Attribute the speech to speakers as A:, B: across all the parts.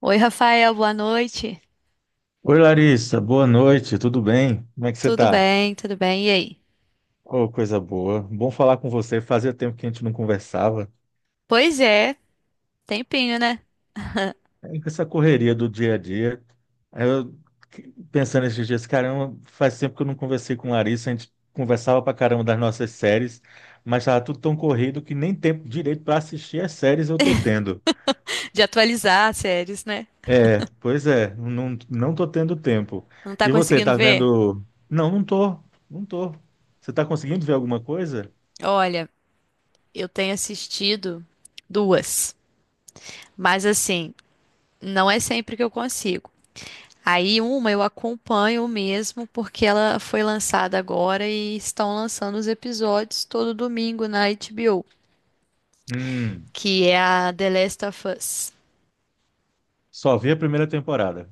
A: Oi, Rafael, boa noite.
B: Oi, Larissa, boa noite, tudo bem? Como é que você
A: Tudo
B: tá?
A: bem, tudo bem. E aí?
B: Oh, coisa boa. Bom falar com você. Fazia tempo que a gente não conversava.
A: Pois é, tempinho, né?
B: É, com essa correria do dia a dia. Aí Eu que- Pensando esses dias, caramba, faz tempo que eu não conversei com Larissa. A gente conversava pra caramba das nossas séries, mas tava tudo tão corrido que nem tempo direito para assistir as séries eu tô tendo.
A: De atualizar as séries, né?
B: É, pois é, não tô tendo tempo.
A: Não tá
B: E você,
A: conseguindo
B: tá
A: ver?
B: vendo? Não, não tô. Você tá conseguindo ver alguma coisa?
A: Olha, eu tenho assistido duas, mas assim, não é sempre que eu consigo. Aí uma eu acompanho mesmo porque ela foi lançada agora e estão lançando os episódios todo domingo na HBO,
B: Hum.
A: que é a The Last of Us.
B: Só vi a primeira temporada.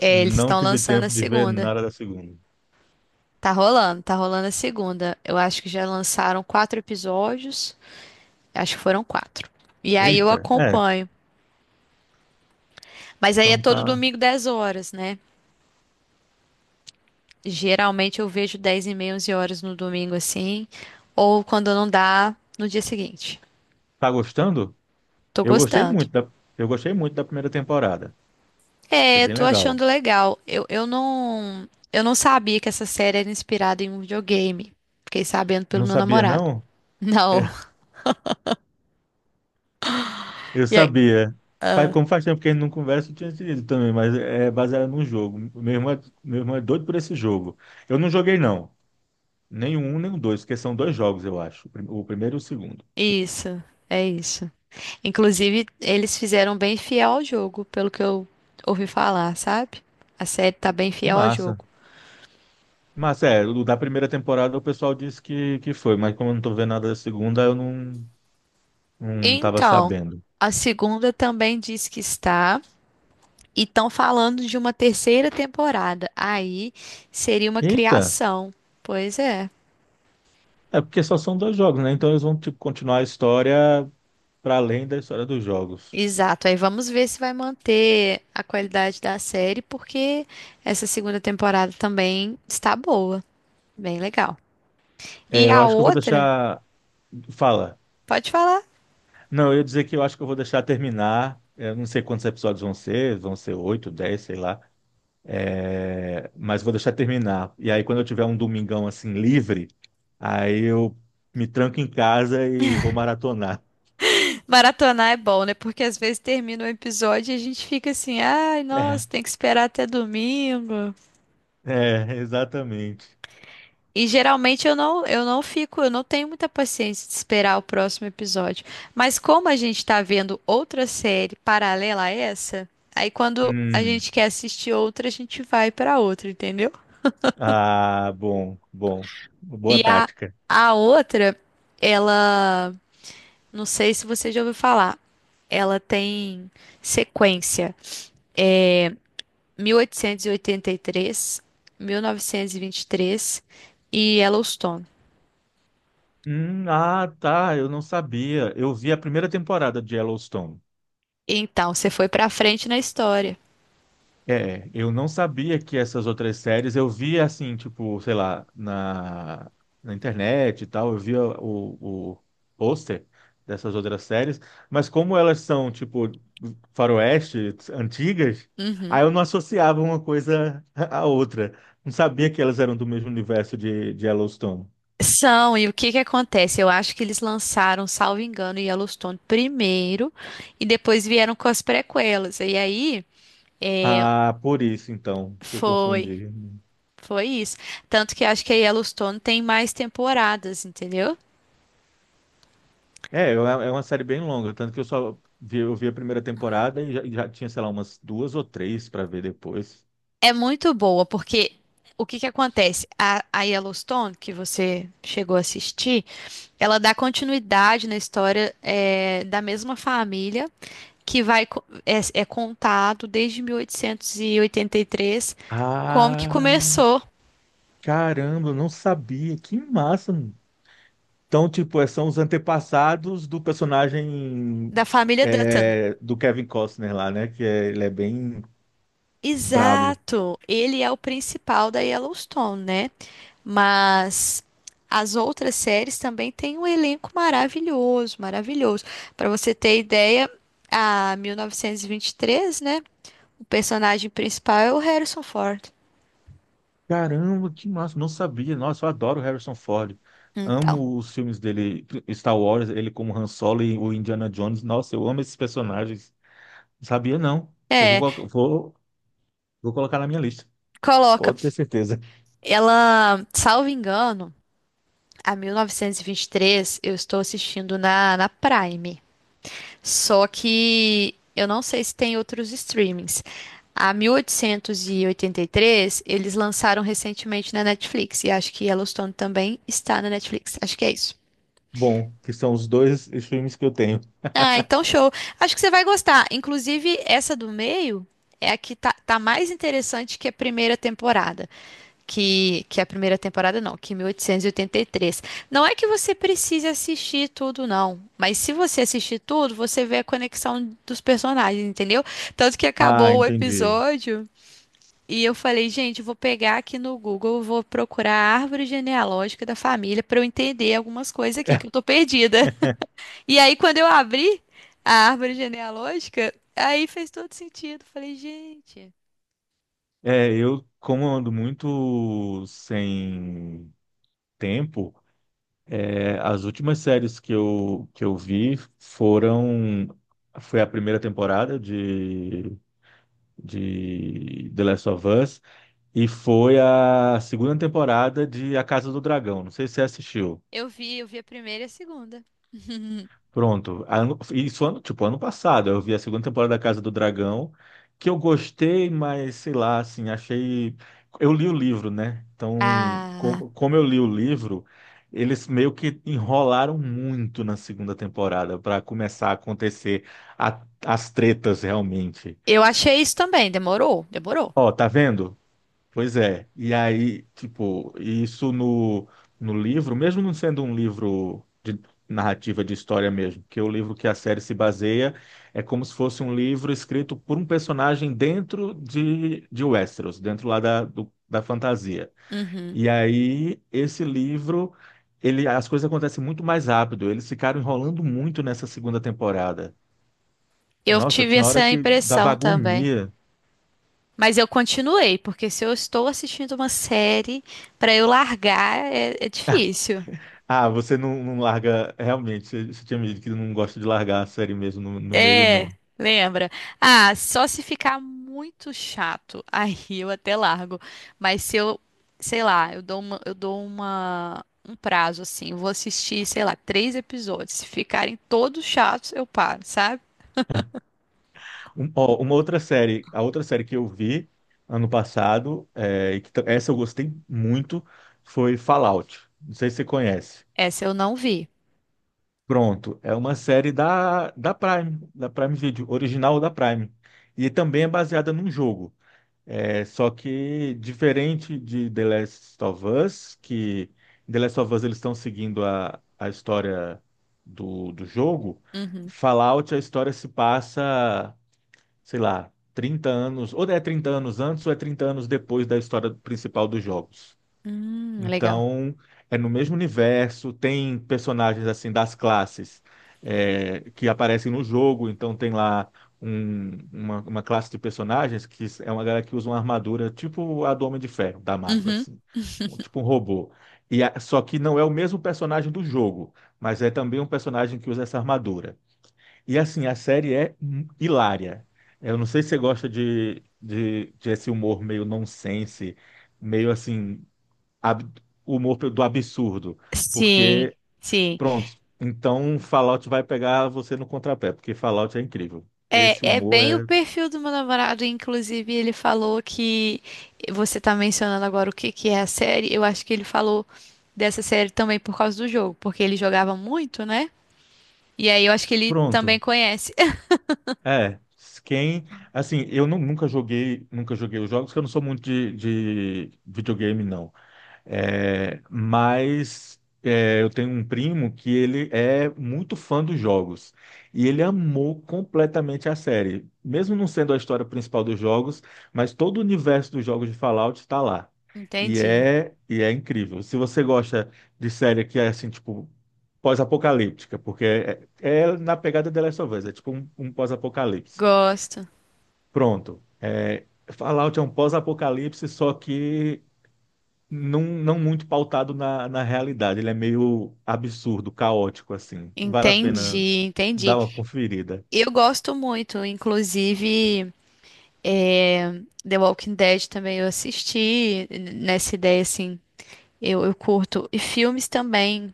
A: É, eles
B: Não
A: estão
B: tive
A: lançando a
B: tempo de ver
A: segunda.
B: nada da segunda.
A: Tá rolando a segunda. Eu acho que já lançaram quatro episódios. Acho que foram quatro. E aí eu
B: Eita, é.
A: acompanho. Mas aí é
B: Então
A: todo
B: tá.
A: domingo 10 horas, né? Geralmente eu vejo 10h30, 11 horas no domingo assim. Ou quando não dá, no dia seguinte.
B: Tá gostando?
A: Tô
B: Eu gostei
A: gostando.
B: muito da, eu gostei muito da primeira temporada. Achei
A: É,
B: bem
A: tô
B: legal.
A: achando legal. Eu não sabia que essa série era inspirada em um videogame. Fiquei sabendo pelo
B: Não
A: meu
B: sabia,
A: namorado.
B: não?
A: Não.
B: Eu
A: E é,
B: sabia. Faz, como faz tempo que a gente não conversa, eu tinha te também, mas é baseado num jogo. Meu irmão é doido por esse jogo. Eu não joguei, não. Nem o um, nem o dois, porque são dois jogos, eu acho. O primeiro e o segundo.
A: isso, é isso. Inclusive, eles fizeram bem fiel ao jogo, pelo que eu ouvi falar, sabe? A série tá bem fiel ao
B: Massa.
A: jogo.
B: Mas é, o da primeira temporada o pessoal disse que foi, mas como eu não tô vendo nada da segunda, eu não, não tava
A: Então,
B: sabendo.
A: a segunda também diz que está, e estão falando de uma terceira temporada. Aí seria uma
B: Eita,
A: criação. Pois é.
B: é porque só são dois jogos, né? Então eles vão tipo, continuar a história para além da história dos jogos.
A: Exato. Aí vamos ver se vai manter a qualidade da série, porque essa segunda temporada também está boa, bem legal.
B: É,
A: E
B: eu
A: a
B: acho que eu vou
A: outra,
B: deixar. Fala.
A: pode falar.
B: Não, eu ia dizer que eu acho que eu vou deixar terminar. É, eu não sei quantos episódios vão ser oito, 10, sei lá. É, mas vou deixar terminar. E aí, quando eu tiver um domingão assim livre, aí eu me tranco em casa e vou maratonar.
A: Maratonar é bom, né? Porque às vezes termina o episódio e a gente fica assim, ai, nossa, tem que esperar até domingo.
B: É, exatamente.
A: E geralmente eu não tenho muita paciência de esperar o próximo episódio. Mas como a gente tá vendo outra série paralela a essa, aí quando a
B: Hum.
A: gente quer assistir outra, a gente vai pra outra, entendeu?
B: Ah, bom, bom. Boa
A: E a,
B: tática.
A: a outra, ela, não sei se você já ouviu falar, ela tem sequência. É, 1883, 1923 e oitenta e três, 1923 e Yellowstone.
B: Ah, tá. Eu não sabia. Eu vi a primeira temporada de Yellowstone.
A: Então, você foi pra frente na história.
B: É, eu não sabia que essas outras séries, eu via assim, tipo, sei lá, na internet e tal, eu via o pôster dessas outras séries, mas como elas são, tipo, faroeste, antigas,
A: Uhum.
B: aí eu não associava uma coisa à outra. Não sabia que elas eram do mesmo universo de Yellowstone.
A: São, e o que que acontece? Eu acho que eles lançaram, salvo engano, Yellowstone primeiro e depois vieram com as prequelas. E aí
B: Ah, por isso, então, que eu
A: foi,
B: confundi.
A: foi isso. Tanto que eu acho que a Yellowstone tem mais temporadas, entendeu?
B: É, é uma série bem longa, tanto que eu só vi, eu vi a primeira temporada e já tinha, sei lá, umas duas ou três para ver depois.
A: É muito boa, porque o que que acontece? A Yellowstone, que você chegou a assistir, ela dá continuidade na história da mesma família que é contado desde mil oitocentos e oitenta e três como que
B: Ah,
A: começou
B: caramba, eu não sabia. Que massa, mano. Então, tipo, são os antepassados do personagem
A: da família Dutton.
B: é, do Kevin Costner lá, né? Ele é bem brabo.
A: Exato, ele é o principal da Yellowstone, né? Mas as outras séries também têm um elenco maravilhoso, maravilhoso. Para você ter ideia, a 1923, né? O personagem principal é o Harrison Ford.
B: Caramba, que massa. Não sabia. Nossa, eu adoro o Harrison Ford.
A: Então,
B: Amo os filmes dele, Star Wars, ele como Han Solo e o Indiana Jones. Nossa, eu amo esses personagens. Sabia não. Eu vou,
A: é,
B: colocar- vou, vou colocar na minha lista.
A: coloca,
B: Pode ter certeza.
A: ela, salvo engano, a 1923 eu estou assistindo na Prime. Só que eu não sei se tem outros streamings. A 1883, eles lançaram recentemente na Netflix. E acho que Yellowstone também está na Netflix. Acho que é isso.
B: Bom, que são os dois streams que eu tenho.
A: Ah, então show. Acho que você vai gostar. Inclusive, essa do meio é a que tá mais interessante que a primeira temporada. Que a primeira temporada, não, que 1883. Não é que você precise assistir tudo, não. Mas se você assistir tudo, você vê a conexão dos personagens, entendeu? Tanto que
B: Ah,
A: acabou o
B: entendi.
A: episódio e eu falei, gente, eu vou pegar aqui no Google, eu vou procurar a árvore genealógica da família para eu entender algumas coisas aqui que eu tô perdida. E aí, quando eu abri a árvore genealógica, aí fez todo sentido. Falei, gente,
B: É, eu, como eu ando muito sem tempo, é, as últimas séries que eu vi foram. Foi a primeira temporada de The Last of Us e foi a segunda temporada de A Casa do Dragão. Não sei se você assistiu.
A: eu vi a primeira e a segunda.
B: Pronto. Isso ano, tipo, ano passado, eu vi a segunda temporada da Casa do Dragão, que eu gostei, mas sei lá, assim, achei. Eu li o livro, né? Então,
A: Ah.
B: como eu li o livro, eles meio que enrolaram muito na segunda temporada para começar a acontecer as tretas realmente.
A: Eu achei isso também, demorou, demorou.
B: Ó, tá vendo? Pois é, e aí, tipo, isso no livro, mesmo não sendo um livro de narrativa de história mesmo, que é o livro que a série se baseia, é como se fosse um livro escrito por um personagem dentro de Westeros, dentro lá da fantasia.
A: Uhum.
B: E aí, esse livro, ele, as coisas acontecem muito mais rápido, eles ficaram enrolando muito nessa segunda temporada.
A: Eu
B: Nossa,
A: tive
B: tinha hora
A: essa
B: que dava
A: impressão também.
B: agonia.
A: Mas eu continuei, porque se eu estou assistindo uma série, para eu largar é difícil.
B: Ah, você não, não larga. Realmente, você, você tinha me dito que não gosta de largar a série mesmo no meio,
A: É,
B: não.
A: lembra? Ah, só se ficar muito chato, aí eu até largo. Mas se eu, sei lá, eu dou um prazo assim, vou assistir, sei lá, três episódios. Se ficarem todos chatos, eu paro, sabe?
B: Um- ó, uma outra série, A outra série que eu vi ano passado, é, essa eu gostei muito, foi Fallout. Não sei se você conhece.
A: Essa eu não vi.
B: Pronto, é uma série da Prime Video, original da Prime. E também é baseada num jogo. É, só que diferente de The Last of Us, que em The Last of Us eles estão seguindo a história do jogo,
A: Uhum.
B: Fallout a história se passa, sei lá, 30 anos, ou é 30 anos antes ou é 30 anos depois da história principal dos jogos.
A: Legal.
B: Então, é no mesmo universo, tem personagens assim das classes é, que aparecem no jogo, então tem lá uma classe de personagens que é uma galera que usa uma armadura tipo a do Homem de Ferro, da Marvel,
A: Uhum.
B: assim, tipo um robô. Só que não é o mesmo personagem do jogo, mas é também um personagem que usa essa armadura. E assim, a série é hilária. Eu não sei se você gosta de esse humor meio nonsense, meio assim ab- humor do absurdo,
A: Sim,
B: porque,
A: sim.
B: pronto, então Fallout vai pegar você no contrapé, porque Fallout é incrível. Esse
A: É, é
B: humor
A: bem o
B: é,
A: perfil do meu namorado. Inclusive, ele falou que você tá mencionando agora o que que é a série. Eu acho que ele falou dessa série também por causa do jogo, porque ele jogava muito, né? E aí eu acho que ele também
B: pronto,
A: conhece.
B: é, quem, assim, nunca joguei, nunca joguei os jogos, porque eu não sou muito de videogame, não. É, mas é, eu tenho um primo que ele é muito fã dos jogos e ele amou completamente a série, mesmo não sendo a história principal dos jogos, mas todo o universo dos jogos de Fallout está lá.
A: Entendi.
B: E é incrível. Se você gosta de série que é assim, tipo, pós-apocalíptica, porque é, é na pegada The Last of Us, é tipo um pós-apocalipse.
A: Gosto.
B: Pronto. É, Fallout é um pós-apocalipse, só que não muito pautado na realidade. Ele é meio absurdo, caótico, assim. Vale a pena
A: Entendi,
B: dar
A: entendi.
B: uma conferida.
A: Eu gosto muito, inclusive, é, The Walking Dead também eu assisti nessa ideia assim. Eu curto. E filmes também.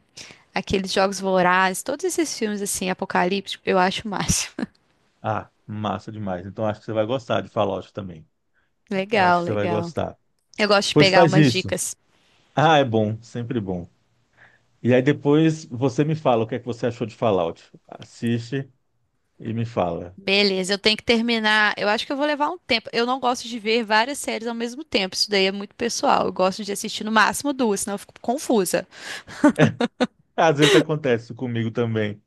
A: Aqueles Jogos Vorazes, todos esses filmes assim, apocalípticos, eu acho o máximo.
B: Ah, massa demais. Então acho que você vai gostar de Fallout também. Eu acho
A: Legal,
B: que você vai
A: legal.
B: gostar.
A: Eu gosto de
B: Pois
A: pegar
B: faz
A: umas
B: isso.
A: dicas.
B: Ah, é bom, sempre bom. E aí depois você me fala o que é que você achou de Fallout. Assiste e me fala.
A: Beleza, eu tenho que terminar. Eu acho que eu vou levar um tempo. Eu não gosto de ver várias séries ao mesmo tempo. Isso daí é muito pessoal. Eu gosto de assistir no máximo duas, senão eu fico confusa.
B: Às vezes acontece comigo também.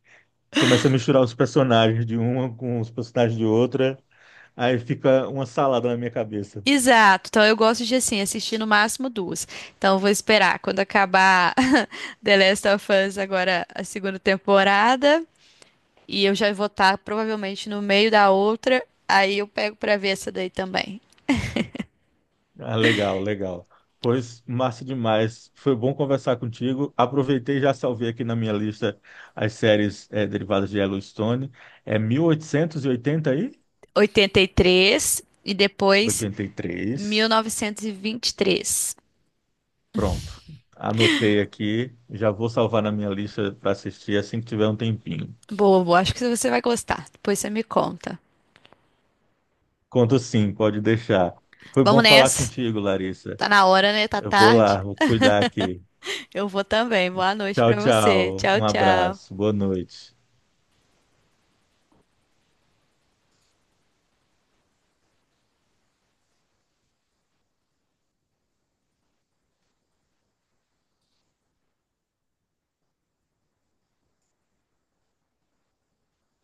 B: Começa a misturar os personagens de uma com os personagens de outra, aí fica uma salada na minha cabeça.
A: Exato. Então eu gosto de assim assistir no máximo duas. Então eu vou esperar quando acabar The Last of Us agora a segunda temporada e eu já vou estar provavelmente no meio da outra. Aí eu pego pra ver essa daí também.
B: Ah, legal, legal. Pois, massa demais. Foi bom conversar contigo. Aproveitei e já salvei aqui na minha lista as séries eh, derivadas de Yellowstone. É mil oitocentos e oitenta aí,
A: Oitenta e três e depois
B: 83.
A: 1923.
B: Pronto. Anotei aqui. Já vou salvar na minha lista para assistir assim que tiver um tempinho.
A: Boa, boa. Acho que você vai gostar. Depois você me conta.
B: Conto sim, pode deixar. Foi bom
A: Vamos
B: falar
A: nessa.
B: contigo, Larissa.
A: Tá na hora, né? Tá
B: Eu vou
A: tarde.
B: lá, vou cuidar aqui.
A: Eu vou também. Boa noite
B: Tchau,
A: pra você.
B: tchau.
A: Tchau,
B: Um abraço.
A: tchau.
B: Boa noite.